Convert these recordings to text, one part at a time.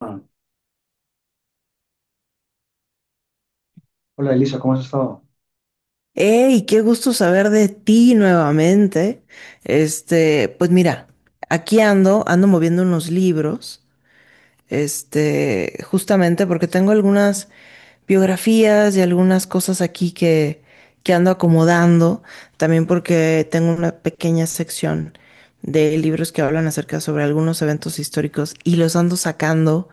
Ah, hola Elisa, ¿cómo has estado? Hey, qué gusto saber de ti nuevamente. Pues mira, aquí ando, ando moviendo unos libros, justamente porque tengo algunas biografías y algunas cosas aquí que ando acomodando, también porque tengo una pequeña sección de libros que hablan acerca sobre algunos eventos históricos y los ando sacando,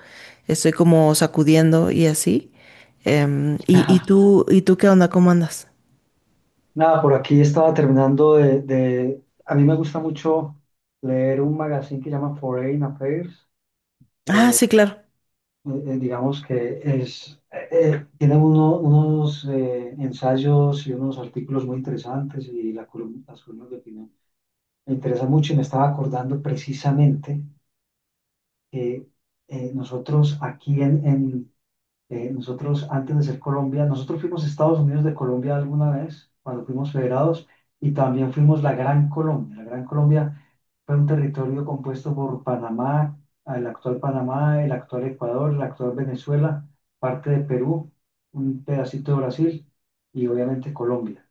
estoy como sacudiendo y así. Y tú, ¿y tú qué onda? ¿Cómo andas? Nada, por aquí estaba terminando de. A mí me gusta mucho leer un magazine que llama Foreign Affairs. Ah, Eh, sí, claro, digamos que es, tiene unos ensayos y unos artículos muy interesantes y las columnas de opinión. Me interesa mucho y me estaba acordando precisamente que nosotros aquí en nosotros, antes de ser Colombia, nosotros fuimos Estados Unidos de Colombia alguna vez, cuando fuimos federados, y también fuimos la Gran Colombia. La Gran Colombia fue un territorio compuesto por Panamá, el actual Ecuador, el actual Venezuela, parte de Perú, un pedacito de Brasil y obviamente Colombia.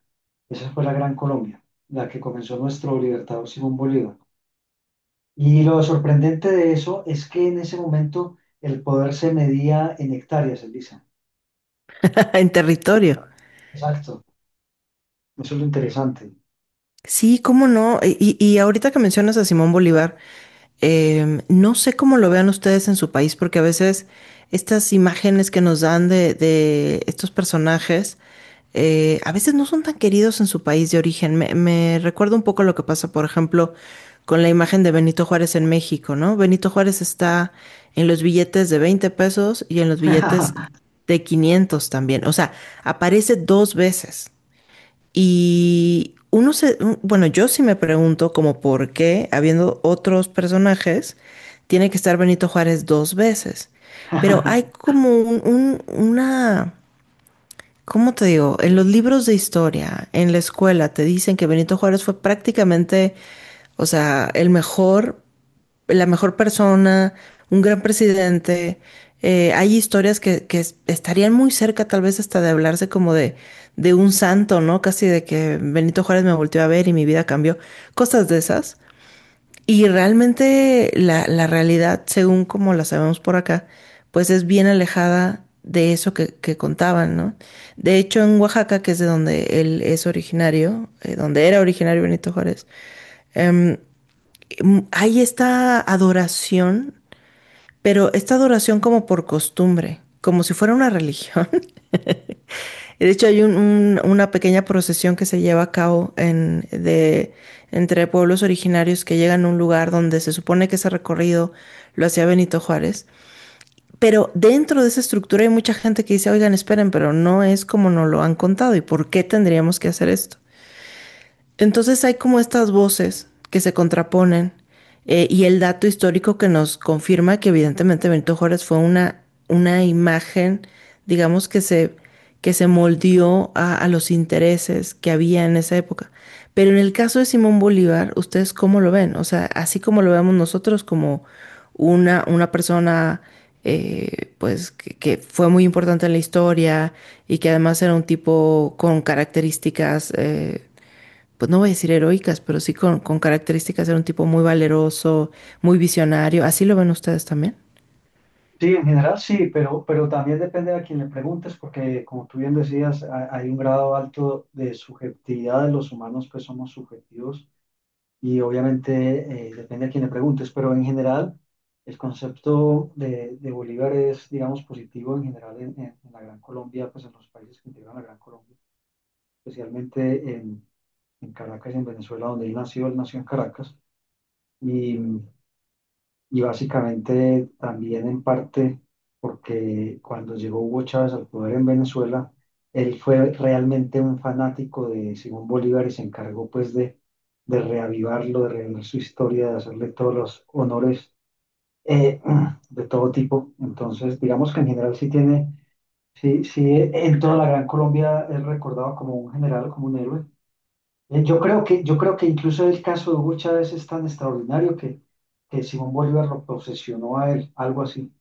Esa fue la Gran Colombia, la que comenzó nuestro libertador Simón Bolívar. Y lo sorprendente de eso es que en ese momento el poder se medía en hectáreas, Elisa. en territorio. Exacto, eso es lo interesante. Sí, cómo no. Y ahorita que mencionas a Simón Bolívar, no sé cómo lo vean ustedes en su país, porque a veces estas imágenes que nos dan de estos personajes, a veces no son tan queridos en su país de origen. Me recuerda un poco lo que pasa, por ejemplo, con la imagen de Benito Juárez en México, ¿no? Benito Juárez está en los billetes de 20 pesos y en los billetes de 500 también. O sea, aparece dos veces. Y bueno, yo sí me pregunto como por qué, habiendo otros personajes, tiene que estar Benito Juárez dos veces. Pero hay como una, ¿cómo te digo? En los libros de historia, en la escuela, te dicen que Benito Juárez fue prácticamente, o sea, el mejor la mejor persona, un gran presidente. Hay historias estarían muy cerca tal vez hasta de hablarse como de un santo, ¿no? Casi de que Benito Juárez me volteó a ver y mi vida cambió, cosas de esas. Y realmente la realidad, según como la sabemos por acá, pues es bien alejada de eso que contaban, ¿no? De hecho, en Oaxaca, que es de donde él es originario, donde era originario Benito Juárez, em, hay esta adoración, pero esta adoración como por costumbre, como si fuera una religión. De hecho, hay una pequeña procesión que se lleva a cabo entre pueblos originarios que llegan a un lugar donde se supone que ese recorrido lo hacía Benito Juárez. Pero dentro de esa estructura hay mucha gente que dice, oigan, esperen, pero no es como nos lo han contado. ¿Y por qué tendríamos que hacer esto? Entonces hay como estas voces que se contraponen, y el dato histórico que nos confirma que evidentemente Benito Juárez fue una imagen, digamos, que se moldeó a los intereses que había en esa época. Pero en el caso de Simón Bolívar, ¿ustedes cómo lo ven? O sea, así como lo vemos nosotros como una persona pues fue muy importante en la historia y que además era un tipo con características pues no voy a decir heroicas, pero sí con características, de un tipo muy valeroso, muy visionario. ¿Así lo ven ustedes también? Sí, en general sí, pero también depende a quien le preguntes, porque como tú bien decías, hay un grado alto de subjetividad de los humanos, pues somos subjetivos y obviamente depende a quien le preguntes, pero en general el concepto de Bolívar es, digamos, positivo en general en la Gran Colombia, pues en los países que integran la Gran Colombia, especialmente en, en Caracas y en Venezuela, donde él nació en Caracas. Y, Y básicamente también en parte porque cuando llegó Hugo Chávez al poder en Venezuela, él fue realmente un fanático de Simón Bolívar y se encargó pues de reavivarlo, de reavivar su historia, de hacerle todos los honores eh, de todo tipo. Entonces, digamos que en general sí tiene, sí, sí, en toda la Gran Colombia es recordado como un general, como un héroe. Yo creo que incluso el caso de Hugo Chávez es tan extraordinario que Simón Bolívar lo posesionó a él, algo así,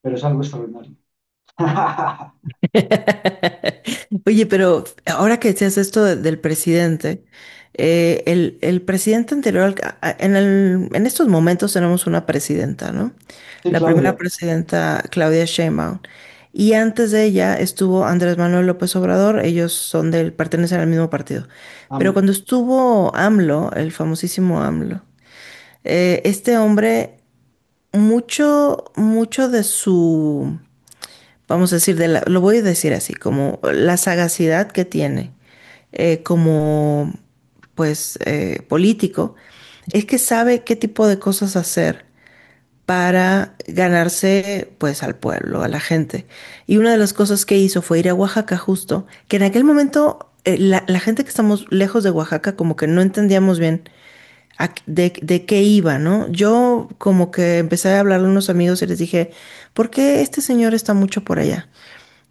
pero es algo extraordinario. Oye, pero ahora que decías esto del presidente, el presidente anterior, en estos momentos tenemos una presidenta, ¿no? Sí, La primera Claudia, presidenta, Claudia Sheinbaum. Y antes de ella estuvo Andrés Manuel López Obrador, ellos son del, pertenecen al mismo partido. Pero AMLO. cuando estuvo AMLO, el famosísimo AMLO, este hombre mucho de su, vamos a decir, lo voy a decir así, como la sagacidad que tiene eh, como, político, es que sabe qué tipo de cosas hacer para ganarse pues al pueblo, a la gente. Y una de las cosas que hizo fue ir a Oaxaca justo, que en aquel momento la gente que estamos lejos de Oaxaca como que no entendíamos bien de qué iba, ¿no? Yo como que empecé a hablarle a unos amigos y les dije, ¿por qué este señor está mucho por allá?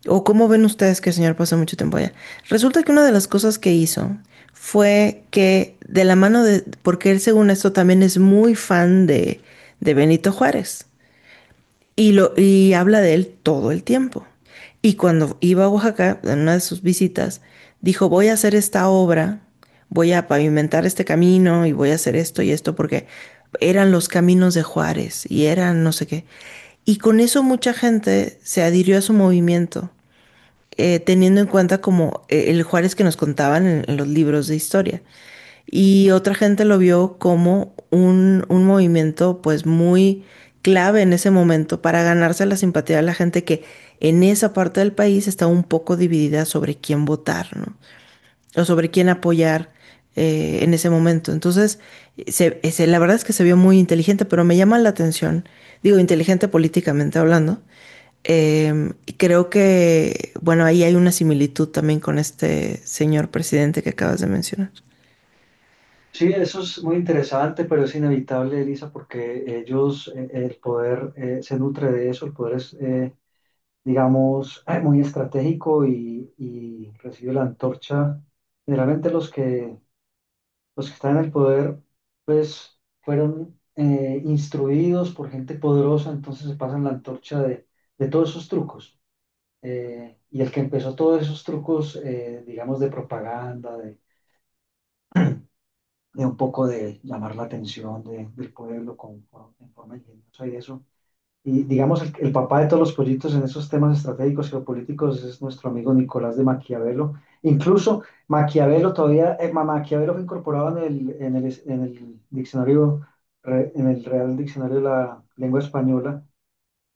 ¿O cómo ven ustedes que el señor pasó mucho tiempo allá? Resulta que una de las cosas que hizo fue que de la mano de, porque él según esto también es muy fan de Benito Juárez y, y habla de él todo el tiempo. Y cuando iba a Oaxaca, en una de sus visitas, dijo, voy a hacer esta obra, voy a pavimentar este camino y voy a hacer esto y esto porque eran los caminos de Juárez y eran no sé qué. Y con eso mucha gente se adhirió a su movimiento, teniendo en cuenta como el Juárez que nos contaban en los libros de historia. Y otra gente lo vio como un movimiento pues muy clave en ese momento para ganarse la simpatía de la gente que en esa parte del país está un poco dividida sobre quién votar, ¿no? O sobre quién apoyar, en ese momento. Entonces, la verdad es que se vio muy inteligente, pero me llama la atención, digo, inteligente políticamente hablando. Y creo que, bueno, ahí hay una similitud también con este señor presidente que acabas de mencionar. Sí, eso es muy interesante, pero es inevitable, Elisa, porque ellos, el poder se nutre de eso, el poder es, digamos, muy estratégico y recibe la antorcha. Generalmente los que Los que están en el poder, pues, fueron instruidos por gente poderosa, entonces se pasan la antorcha de todos esos trucos. Y el que empezó todos esos trucos, digamos, de propaganda, de un poco de llamar la atención del pueblo con, en forma ingeniosa y eso y digamos, el papá de todos los proyectos en esos temas estratégicos geopolíticos es nuestro amigo Nicolás de Maquiavelo. Incluso Maquiavelo todavía, Maquiavelo fue incorporado en el, en el, en el diccionario, en el Real Diccionario de la Lengua Española.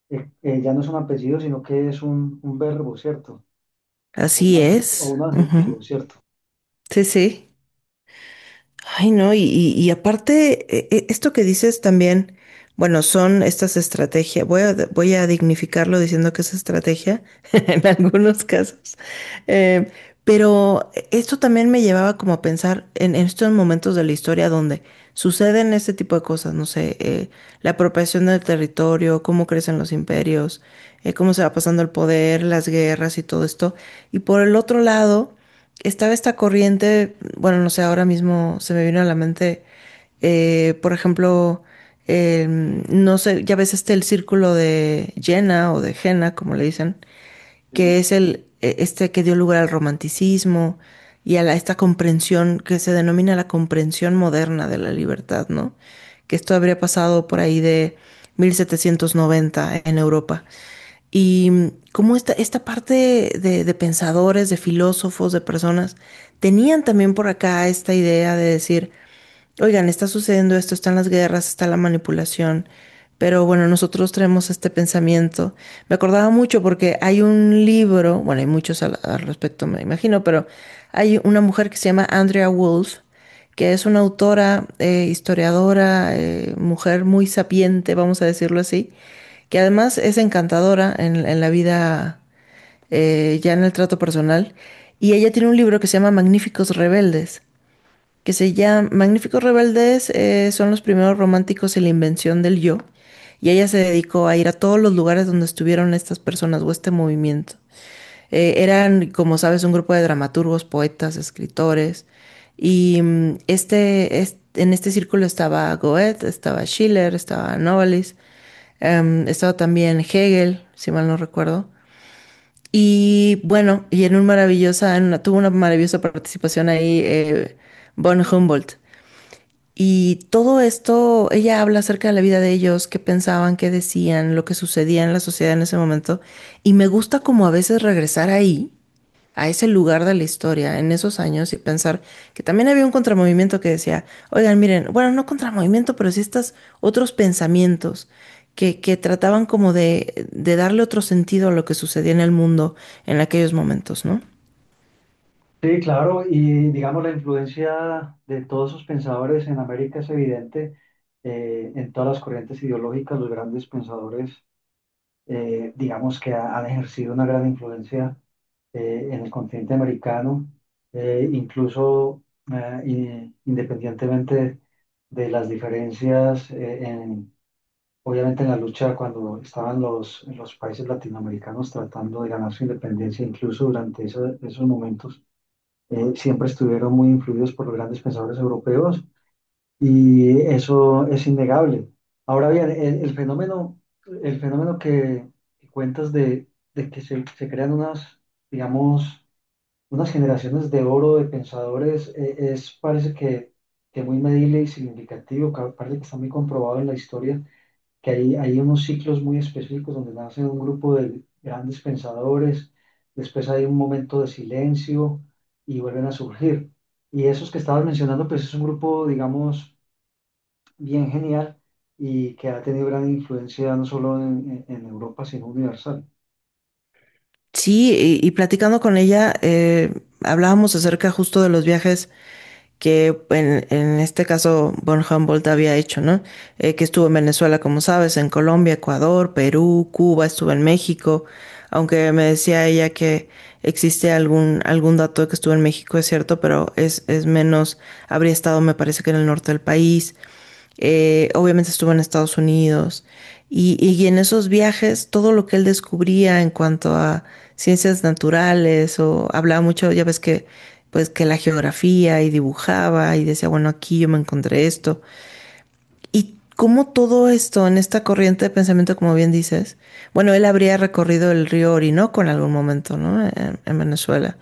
Ya no es un apellido, sino que es un verbo, ¿cierto? O un, Así o es. un Ujú. adjetivo, ¿cierto? Sí, sí. Ay, no, y aparte, esto que dices también, bueno, son estas estrategias, voy a dignificarlo diciendo que es estrategia en algunos casos, eh, pero esto también me llevaba como a pensar en estos momentos de la historia donde suceden este tipo de cosas, no sé, la apropiación del territorio, cómo crecen los imperios, cómo se va pasando el poder, las guerras y todo esto, y por el otro lado estaba esta corriente, bueno, no sé, ahora mismo se me vino a la mente, por ejemplo, no sé, ya ves este el círculo de Jena o de Jena, como le dicen, Sí. que es el, este que dio lugar al romanticismo y a esta comprensión que se denomina la comprensión moderna de la libertad, ¿no? Que esto habría pasado por ahí de 1790 en Europa. Y cómo esta, esta parte de pensadores, de filósofos, de personas, tenían también por acá esta idea de decir, oigan, está sucediendo esto, están las guerras, está la manipulación, pero bueno, nosotros traemos este pensamiento. Me acordaba mucho porque hay un libro, bueno, hay muchos al respecto, me imagino, pero hay una mujer que se llama Andrea Wolf, que es una autora, historiadora, mujer muy sapiente, vamos a decirlo así, que además es encantadora en la vida, ya en el trato personal, y ella tiene un libro que se llama Magníficos Rebeldes, son los primeros románticos en la invención del yo. Y ella se dedicó a ir a todos los lugares donde estuvieron estas personas o este movimiento. Eran, como sabes, un grupo de dramaturgos, poetas, escritores. Y en este círculo estaba Goethe, estaba Schiller, estaba Novalis, estaba también Hegel, si mal no recuerdo. Y bueno, y en un maravillosa, en una- tuvo una maravillosa participación ahí, von Humboldt. Y todo esto, ella habla acerca de la vida de ellos, qué pensaban, qué decían, lo que sucedía en la sociedad en ese momento. Y me gusta como a veces regresar ahí, a ese lugar de la historia, en esos años, y pensar que también había un contramovimiento que decía, oigan, miren, bueno, no contramovimiento, pero sí estos otros pensamientos que trataban como de darle otro sentido a lo que sucedía en el mundo en aquellos momentos, ¿no? Sí, claro, y digamos la influencia de todos esos pensadores en América es evidente, en todas las corrientes ideológicas, los grandes pensadores, digamos que han ejercido una gran influencia en el continente americano, incluso, independientemente de las diferencias, obviamente en la lucha cuando estaban los países latinoamericanos tratando de ganar su independencia, incluso durante esos momentos, siempre estuvieron muy influidos por los grandes pensadores europeos y eso es innegable. Ahora bien, el fenómeno que cuentas de que se crean unas, digamos, unas generaciones de oro de pensadores, es, parece que muy medible y significativo, parece que está muy comprobado en la historia que hay unos ciclos muy específicos donde nace un grupo de grandes pensadores, después hay un momento de silencio y vuelven a surgir. Y esos que estabas mencionando, pues es un grupo, digamos, bien genial y que ha tenido gran influencia no solo en Europa, sino universal. Sí, platicando con ella, hablábamos acerca justo de los viajes que en este caso von Humboldt había hecho, ¿no? Que estuvo en Venezuela, como sabes, en Colombia, Ecuador, Perú, Cuba, estuvo en México, aunque me decía ella que existe algún dato de que estuvo en México, es cierto, pero es menos, habría estado, me parece que en el norte del país, obviamente estuvo en Estados Unidos y en esos viajes todo lo que él descubría en cuanto a ciencias naturales o hablaba mucho, ya ves que pues que la geografía y dibujaba y decía, bueno, aquí yo me encontré esto. Y cómo todo esto en esta corriente de pensamiento, como bien dices, bueno, él habría recorrido el río Orinoco en algún momento, ¿no? En Venezuela.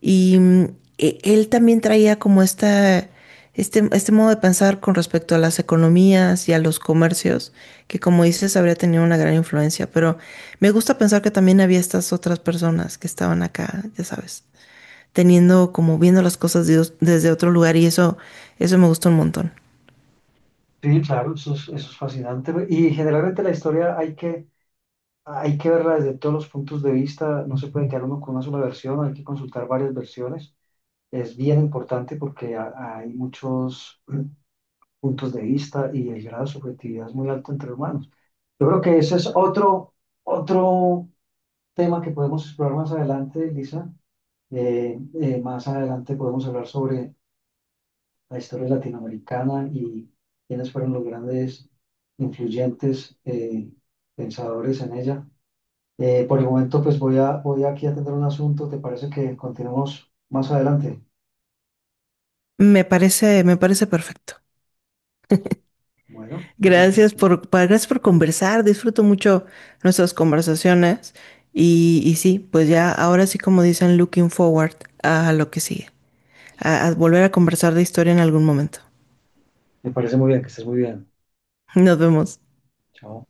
Y él también traía como esta, este modo de pensar con respecto a las economías y a los comercios, que como dices, habría tenido una gran influencia. Pero me gusta pensar que también había estas otras personas que estaban acá, ya sabes, teniendo como viendo las cosas desde otro lugar y eso me gustó un montón. Sí, claro, eso es fascinante. Y generalmente la historia hay que verla desde todos los puntos de vista, no se puede quedar uno con una sola versión, hay que consultar varias versiones. Es bien importante porque hay muchos puntos de vista y el grado de subjetividad es muy alto entre humanos. Yo creo que ese es otro, otro tema que podemos explorar más adelante, Lisa. Más adelante podemos hablar sobre la historia latinoamericana y quiénes fueron los grandes influyentes pensadores en ella. Por el momento, pues voy aquí a atender un asunto. ¿Te parece que continuemos más adelante? Me parece perfecto. Bueno, entonces Gracias por conversar. Disfruto mucho nuestras conversaciones. Y sí, pues ya ahora sí, como dicen, looking forward a lo que sigue, a volver a conversar de historia en algún momento. me parece muy bien, que estés muy bien. Nos vemos. Chao.